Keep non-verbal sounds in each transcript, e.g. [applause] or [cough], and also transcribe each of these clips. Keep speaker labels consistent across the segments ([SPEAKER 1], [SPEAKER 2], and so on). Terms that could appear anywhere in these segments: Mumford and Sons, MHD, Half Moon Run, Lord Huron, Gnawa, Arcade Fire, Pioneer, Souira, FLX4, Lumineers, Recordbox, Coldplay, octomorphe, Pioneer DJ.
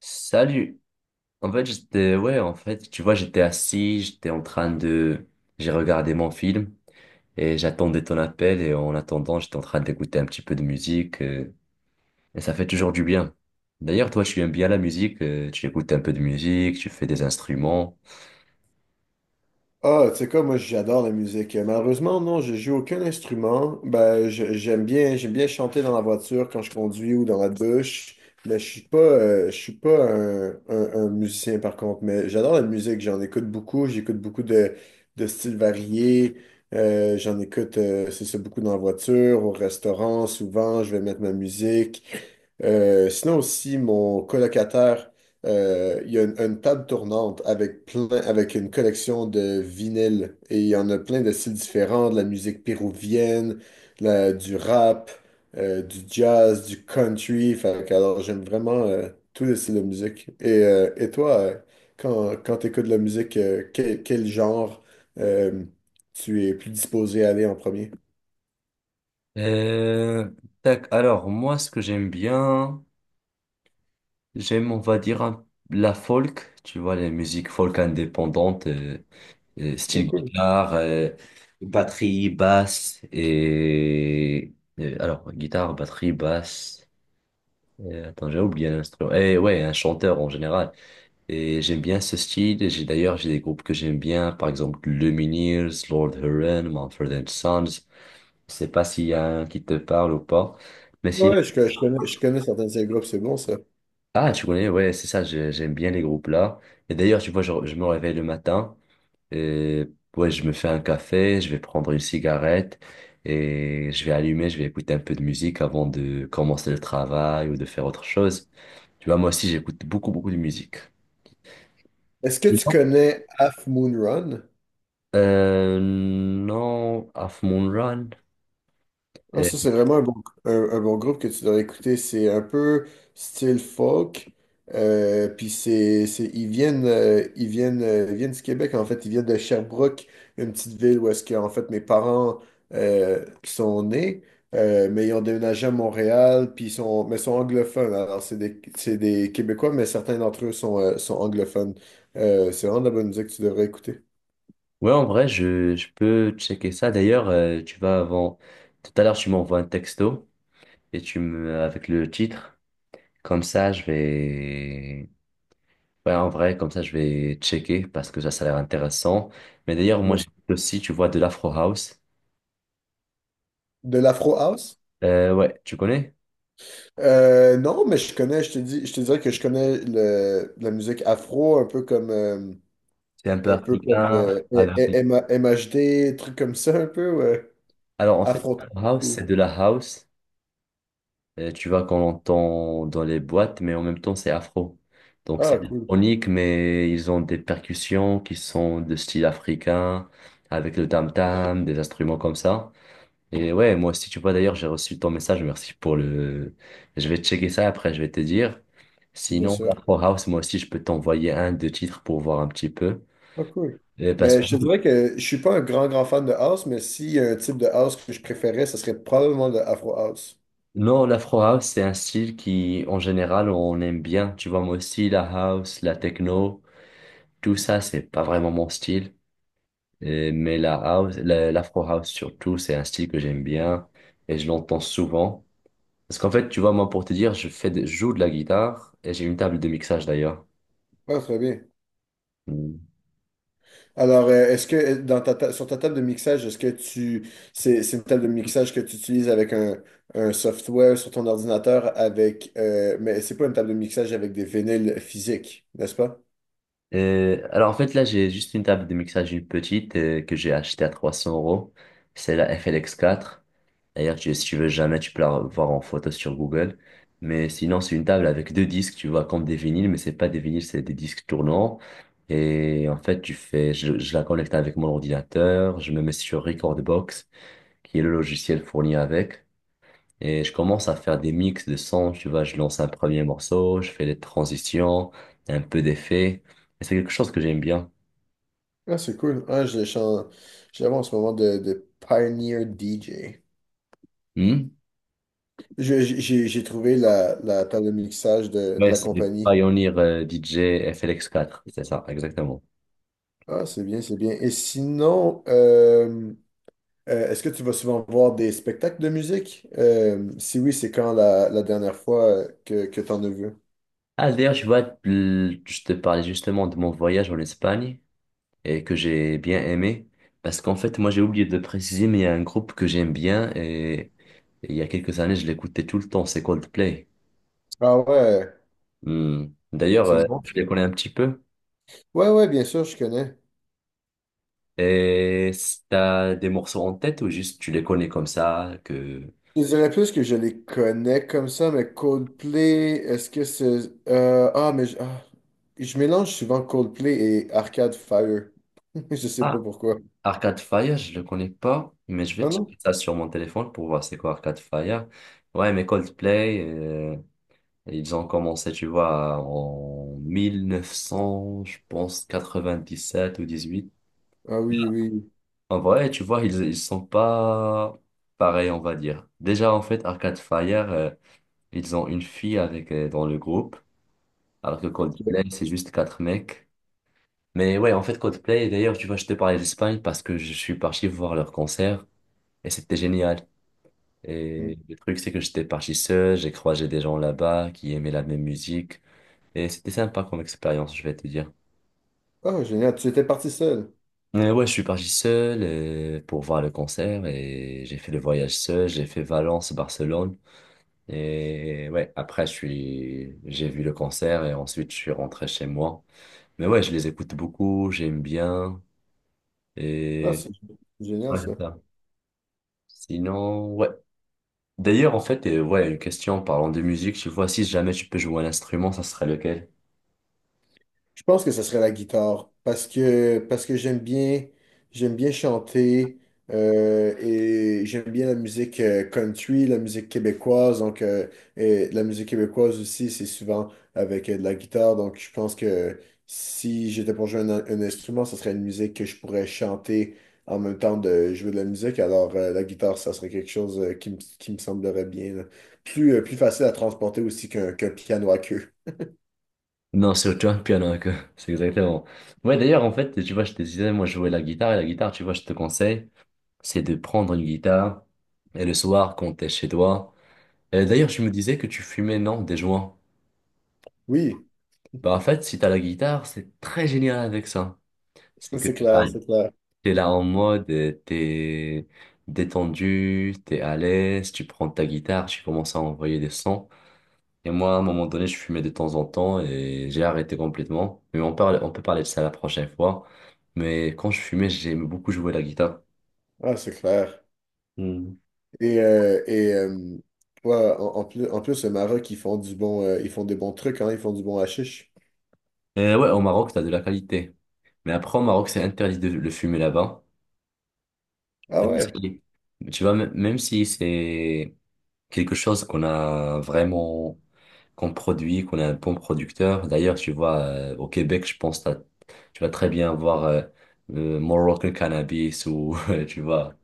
[SPEAKER 1] Salut. En fait, j'étais, ouais, en fait, tu vois, j'étais assis, j'étais en train de, j'ai regardé mon film et j'attendais ton appel et en attendant, j'étais en train d'écouter un petit peu de musique et ça fait toujours du bien. D'ailleurs, toi, tu aimes bien la musique, tu écoutes un peu de musique, tu fais des instruments.
[SPEAKER 2] Ah, tu sais quoi, moi j'adore la musique. Malheureusement, non, je joue aucun instrument. Ben, j'aime bien chanter dans la voiture quand je conduis ou dans la douche. Mais je suis pas un musicien par contre. Mais j'adore la musique. J'en écoute beaucoup. J'écoute beaucoup de styles variés. J'en écoute, c'est ça, beaucoup dans la voiture, au restaurant. Souvent, je vais mettre ma musique. Sinon aussi, mon colocataire il y a une table tournante avec plein, avec une collection de vinyles, et il y en a plein de styles différents, de la musique péruvienne, du rap, du jazz, du country. Fait que, alors j'aime vraiment tous les styles de musique. Et toi, quand tu écoutes de la musique, quel genre euh, tu es plus disposé à aller en premier?
[SPEAKER 1] Euh, Tac. Alors, moi, ce que j'aime bien, j'aime, on va dire, la folk, tu vois, les musiques folk indépendantes.
[SPEAKER 2] Ah,
[SPEAKER 1] Style
[SPEAKER 2] cool.
[SPEAKER 1] guitare, batterie, basse et alors guitare, batterie, basse. Attends, j'ai oublié un instrument. Et ouais, un chanteur en général. Et j'aime bien ce style. J'ai d'ailleurs j'ai des groupes que j'aime bien, par exemple Lumineers, Lord Huron, Mumford and Sons. Je sais pas s'il y a un qui te parle ou pas. Mais sinon,
[SPEAKER 2] Ouais, je connais certains de ces groupes, c'est bon ça.
[SPEAKER 1] ah tu connais, ouais, c'est ça. J'aime bien les groupes là. Et d'ailleurs, tu vois, je me réveille le matin. Euh, ouais, je me fais un café, je vais prendre une cigarette et je vais allumer, je vais écouter un peu de musique avant de commencer le travail ou de faire autre chose. Tu vois, moi aussi, j'écoute beaucoup, beaucoup de musique.
[SPEAKER 2] Est-ce que tu
[SPEAKER 1] Dis-moi.
[SPEAKER 2] connais Half Moon Run?
[SPEAKER 1] Non, Half Moon Run.
[SPEAKER 2] Ah,
[SPEAKER 1] Euh,
[SPEAKER 2] ça, c'est vraiment un bon, un bon groupe que tu dois écouter. C'est un peu style folk. Puis c'est, ils viennent, ils viennent, ils viennent du Québec, en fait. Ils viennent de Sherbrooke, une petite ville où est-ce que, en fait, mes parents sont nés. Mais ils ont déménagé à Montréal, puis ils sont, mais sont anglophones. Alors, c'est des Québécois, mais certains d'entre eux sont, sont anglophones. C'est vraiment de la bonne musique que tu devrais écouter.
[SPEAKER 1] ouais, en vrai, je peux checker ça. D'ailleurs, tu vas avant. Tout à l'heure, tu m'envoies un texto et tu me avec le titre. Comme ça, je vais Ouais, en vrai, comme ça, je vais checker parce que ça a l'air intéressant. Mais d'ailleurs, moi,
[SPEAKER 2] Bien sûr.
[SPEAKER 1] j'écoute aussi, tu vois, de l'Afro House.
[SPEAKER 2] De l'Afro House?
[SPEAKER 1] Ouais, tu connais?
[SPEAKER 2] Non, mais je connais, je te dis, je te dirais que je connais la musique afro,
[SPEAKER 1] C'est un peu
[SPEAKER 2] un peu comme
[SPEAKER 1] africain.
[SPEAKER 2] MHD, trucs comme ça, un peu, ouais.
[SPEAKER 1] Alors, en fait,
[SPEAKER 2] Afro.
[SPEAKER 1] l'Afro House, c'est de la house, tu vois, qu'on entend dans les boîtes, mais en même temps, c'est afro. Donc, c'est
[SPEAKER 2] Ah, cool,
[SPEAKER 1] électronique, mais ils ont des percussions qui sont de style africain, avec le tam-tam, des instruments comme ça. Et ouais, moi aussi, tu vois, d'ailleurs, j'ai reçu ton message. Merci pour le. Je vais checker ça après, je vais te dire.
[SPEAKER 2] bien
[SPEAKER 1] Sinon,
[SPEAKER 2] sûr.
[SPEAKER 1] l'Afro House, moi aussi, je peux t'envoyer un, deux titres pour voir un petit peu.
[SPEAKER 2] Ah, cool.
[SPEAKER 1] Parce
[SPEAKER 2] Mais
[SPEAKER 1] que
[SPEAKER 2] je te dirais que je suis pas un grand, grand fan de house, mais s'il y a un type de house que je préférais, ce serait probablement le afro house.
[SPEAKER 1] non, l'Afro House, c'est un style qui, en général, on aime bien. Tu vois, moi aussi, la house, la techno, tout ça, c'est pas vraiment mon style. Mais la house, l'Afro House surtout, c'est un style que j'aime bien et je l'entends souvent. Parce qu'en fait, tu vois, moi, pour te dire, je joue de la guitare et j'ai une table de mixage d'ailleurs.
[SPEAKER 2] Ah, très bien.
[SPEAKER 1] Hmm.
[SPEAKER 2] Alors, est-ce que dans sur ta table de mixage, est-ce que tu c'est une table de mixage que tu utilises avec un software sur ton ordinateur avec mais c'est pas une table de mixage avec des vinyles physiques, n'est-ce pas?
[SPEAKER 1] Alors en fait là j'ai juste une table de mixage une petite que j'ai achetée à 300 euros. C'est la FLX4. D'ailleurs si tu veux jamais tu peux la voir en photo sur Google. Mais sinon c'est une table avec deux disques tu vois comme des vinyles mais c'est pas des vinyles c'est des disques tournants. Et en fait tu fais je la connecte avec mon ordinateur. Je me mets sur Recordbox qui est le logiciel fourni avec. Et je commence à faire des mix de sons. Tu vois je lance un premier morceau je fais des transitions un peu d'effets. C'est quelque chose que j'aime bien.
[SPEAKER 2] Ah, c'est cool. Je l'avais en ce moment de Pioneer DJ.
[SPEAKER 1] Hmm.
[SPEAKER 2] J'ai trouvé la, la table de mixage de
[SPEAKER 1] Ouais,
[SPEAKER 2] la
[SPEAKER 1] c'est le
[SPEAKER 2] compagnie.
[SPEAKER 1] Pioneer DJ FLX4 c'est ça, exactement.
[SPEAKER 2] Ah, c'est bien, c'est bien. Et sinon, est-ce que tu vas souvent voir des spectacles de musique? Si oui, c'est quand la dernière fois que tu en as vu?
[SPEAKER 1] Ah, d'ailleurs, je vois, je te parlais justement de mon voyage en Espagne et que j'ai bien aimé. Parce qu'en fait, moi, j'ai oublié de préciser, mais il y a un groupe que j'aime bien et il y a quelques années, je l'écoutais tout le temps, c'est Coldplay.
[SPEAKER 2] Ah ouais,
[SPEAKER 1] Hmm. D'ailleurs,
[SPEAKER 2] c'est bon
[SPEAKER 1] je
[SPEAKER 2] ça.
[SPEAKER 1] les connais un petit peu.
[SPEAKER 2] Ouais, ouais, bien sûr, je connais.
[SPEAKER 1] Et t'as des morceaux en tête ou juste tu les connais comme ça que...
[SPEAKER 2] Je dirais plus que je les connais comme ça, mais Coldplay, est-ce que c'est… mais je mélange souvent Coldplay et Arcade Fire. [laughs] Je sais pas pourquoi.
[SPEAKER 1] Arcade Fire, je le connais pas, mais je vais
[SPEAKER 2] Ah non?
[SPEAKER 1] checker ça sur mon téléphone pour voir c'est quoi Arcade Fire. Ouais, mais Coldplay, ils ont commencé, tu vois, en 1900, je pense, 97 ou 18.
[SPEAKER 2] Ah oui, oui.
[SPEAKER 1] En vrai, tu vois, ils sont pas pareils, on va dire. Déjà, en fait, Arcade Fire, ils ont une fille avec, dans le groupe, alors que Coldplay,
[SPEAKER 2] Ok.
[SPEAKER 1] c'est juste quatre mecs. Mais ouais, en fait, Coldplay, d'ailleurs, tu vois, je te parlais d'Espagne parce que je suis parti voir leur concert et c'était génial. Et le truc, c'est que j'étais parti seul, j'ai croisé des gens là-bas qui aimaient la même musique. Et c'était sympa comme expérience, je vais te dire.
[SPEAKER 2] Ah, génial. Tu étais parti seul.
[SPEAKER 1] Mais ouais, je suis parti seul pour voir le concert et j'ai fait le voyage seul, j'ai fait Valence, Barcelone. Et ouais, après, j'ai vu le concert et ensuite, je suis rentré chez moi. Mais ouais, je les écoute beaucoup, j'aime bien.
[SPEAKER 2] Ah,
[SPEAKER 1] Et
[SPEAKER 2] c'est génial
[SPEAKER 1] ouais,
[SPEAKER 2] ça.
[SPEAKER 1] c'est ça. Sinon, ouais. D'ailleurs, en fait, ouais, une question en parlant de musique, tu vois, si jamais tu peux jouer un instrument, ça serait lequel?
[SPEAKER 2] Je pense que ce serait la guitare parce que j'aime bien chanter et j'aime bien la musique country, la musique québécoise donc et la musique québécoise aussi c'est souvent avec de la guitare, donc je pense que si j'étais pour jouer un instrument, ce serait une musique que je pourrais chanter en même temps de jouer de la musique, alors la guitare ça serait quelque chose qui me semblerait bien là. Plus plus facile à transporter aussi qu'un piano à queue.
[SPEAKER 1] Non, c'est tu vois, le piano, que [laughs] c'est exactement. Ouais, d'ailleurs, en fait, tu vois, je te disais, moi, je jouais la guitare, et la guitare, tu vois, je te conseille, c'est de prendre une guitare, et le soir, quand t'es chez toi. Et d'ailleurs, je me disais que tu fumais, non, des joints.
[SPEAKER 2] Oui,
[SPEAKER 1] Bah, en fait, si t'as la guitare, c'est très génial avec ça. C'est que
[SPEAKER 2] c'est clair, c'est clair.
[SPEAKER 1] t'es là en mode, t'es détendu, t'es à l'aise, tu prends ta guitare, tu commences à envoyer des sons. Et moi, à un moment donné, je fumais de temps en temps et j'ai arrêté complètement. Mais on parle, on peut parler de ça la prochaine fois. Mais quand je fumais, j'aimais beaucoup jouer la guitare.
[SPEAKER 2] Ah, c'est clair.
[SPEAKER 1] Hmm.
[SPEAKER 2] Et ouais, en, en plus, le Maroc, ils font du bon, ils font des bons trucs, hein, ils font du bon hashish.
[SPEAKER 1] Et ouais, au Maroc, t'as de la qualité. Mais après, au Maroc, c'est interdit de le fumer là-bas.
[SPEAKER 2] Ah
[SPEAKER 1] Même
[SPEAKER 2] ouais,
[SPEAKER 1] si- Tu vois, même si c'est quelque chose qu'on a vraiment, qu'on produit, qu'on est un bon producteur. D'ailleurs, tu vois, au Québec, je pense que tu vas très bien voir le Moroccan cannabis ou, [laughs] tu vois,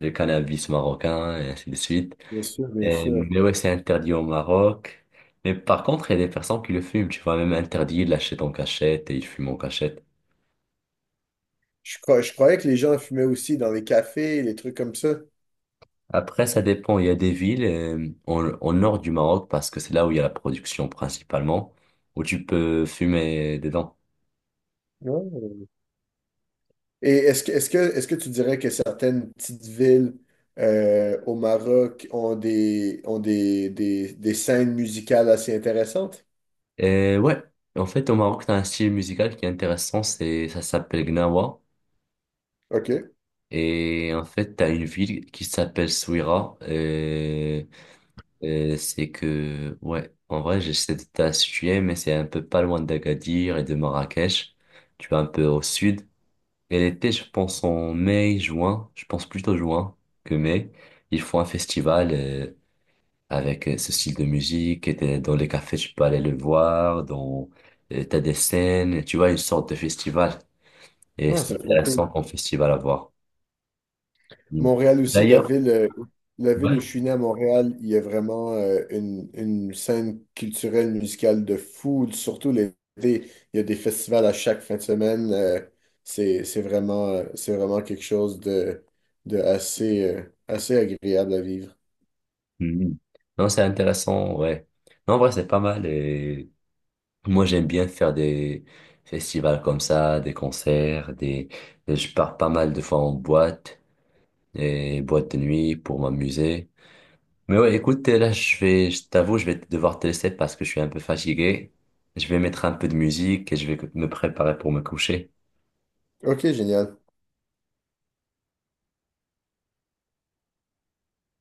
[SPEAKER 1] le cannabis marocain et ainsi de suite.
[SPEAKER 2] bien sûr, bien sûr.
[SPEAKER 1] Mais ouais, c'est interdit au Maroc. Mais par contre, il y a des personnes qui le fument. Tu vois, même interdit, ils l'achètent en cachette et ils fument en cachette.
[SPEAKER 2] Je croyais que les gens fumaient aussi dans les cafés, les trucs comme ça.
[SPEAKER 1] Après, ça dépend. Il y a des villes au, nord du Maroc parce que c'est là où il y a la production principalement, où tu peux fumer dedans.
[SPEAKER 2] Ouais. Et est-ce que tu dirais que certaines petites villes au Maroc ont des scènes musicales assez intéressantes?
[SPEAKER 1] Ouais, en fait, au Maroc, t'as un style musical qui est intéressant, c'est, ça s'appelle Gnawa.
[SPEAKER 2] OK.
[SPEAKER 1] Et en fait, t'as une ville qui s'appelle Souira. C'est que, ouais, en vrai, j'essaie de te la situer, mais c'est un peu pas loin d'Agadir et de Marrakech. Tu vas un peu au sud. Et l'été, je pense en mai, juin, je pense plutôt juin que mai, ils font un festival. Avec ce style de musique. Et dans les cafés, tu peux aller le voir. T'as des scènes, tu vois, une sorte de festival. Et
[SPEAKER 2] Ah,
[SPEAKER 1] c'est
[SPEAKER 2] c'est trop
[SPEAKER 1] intéressant
[SPEAKER 2] cool.
[SPEAKER 1] comme festival à voir. Mm.
[SPEAKER 2] Montréal aussi,
[SPEAKER 1] D'ailleurs,
[SPEAKER 2] la ville
[SPEAKER 1] ouais.
[SPEAKER 2] où je suis né à Montréal, il y a vraiment une scène culturelle, musicale de fou, surtout l'été. Il y a des festivals à chaque fin de semaine. C'est vraiment quelque chose de assez, assez agréable à vivre.
[SPEAKER 1] Mm. Non, c'est intéressant, ouais. Non, en vrai, c'est pas mal. Et moi, j'aime bien faire des festivals comme ça, des concerts, des... Je pars pas mal de fois en boîte, et boîte de nuit pour m'amuser. Mais ouais, écoute, là, je t'avoue, je vais devoir te laisser parce que je suis un peu fatigué. Je vais mettre un peu de musique et je vais me préparer pour me coucher.
[SPEAKER 2] OK, génial.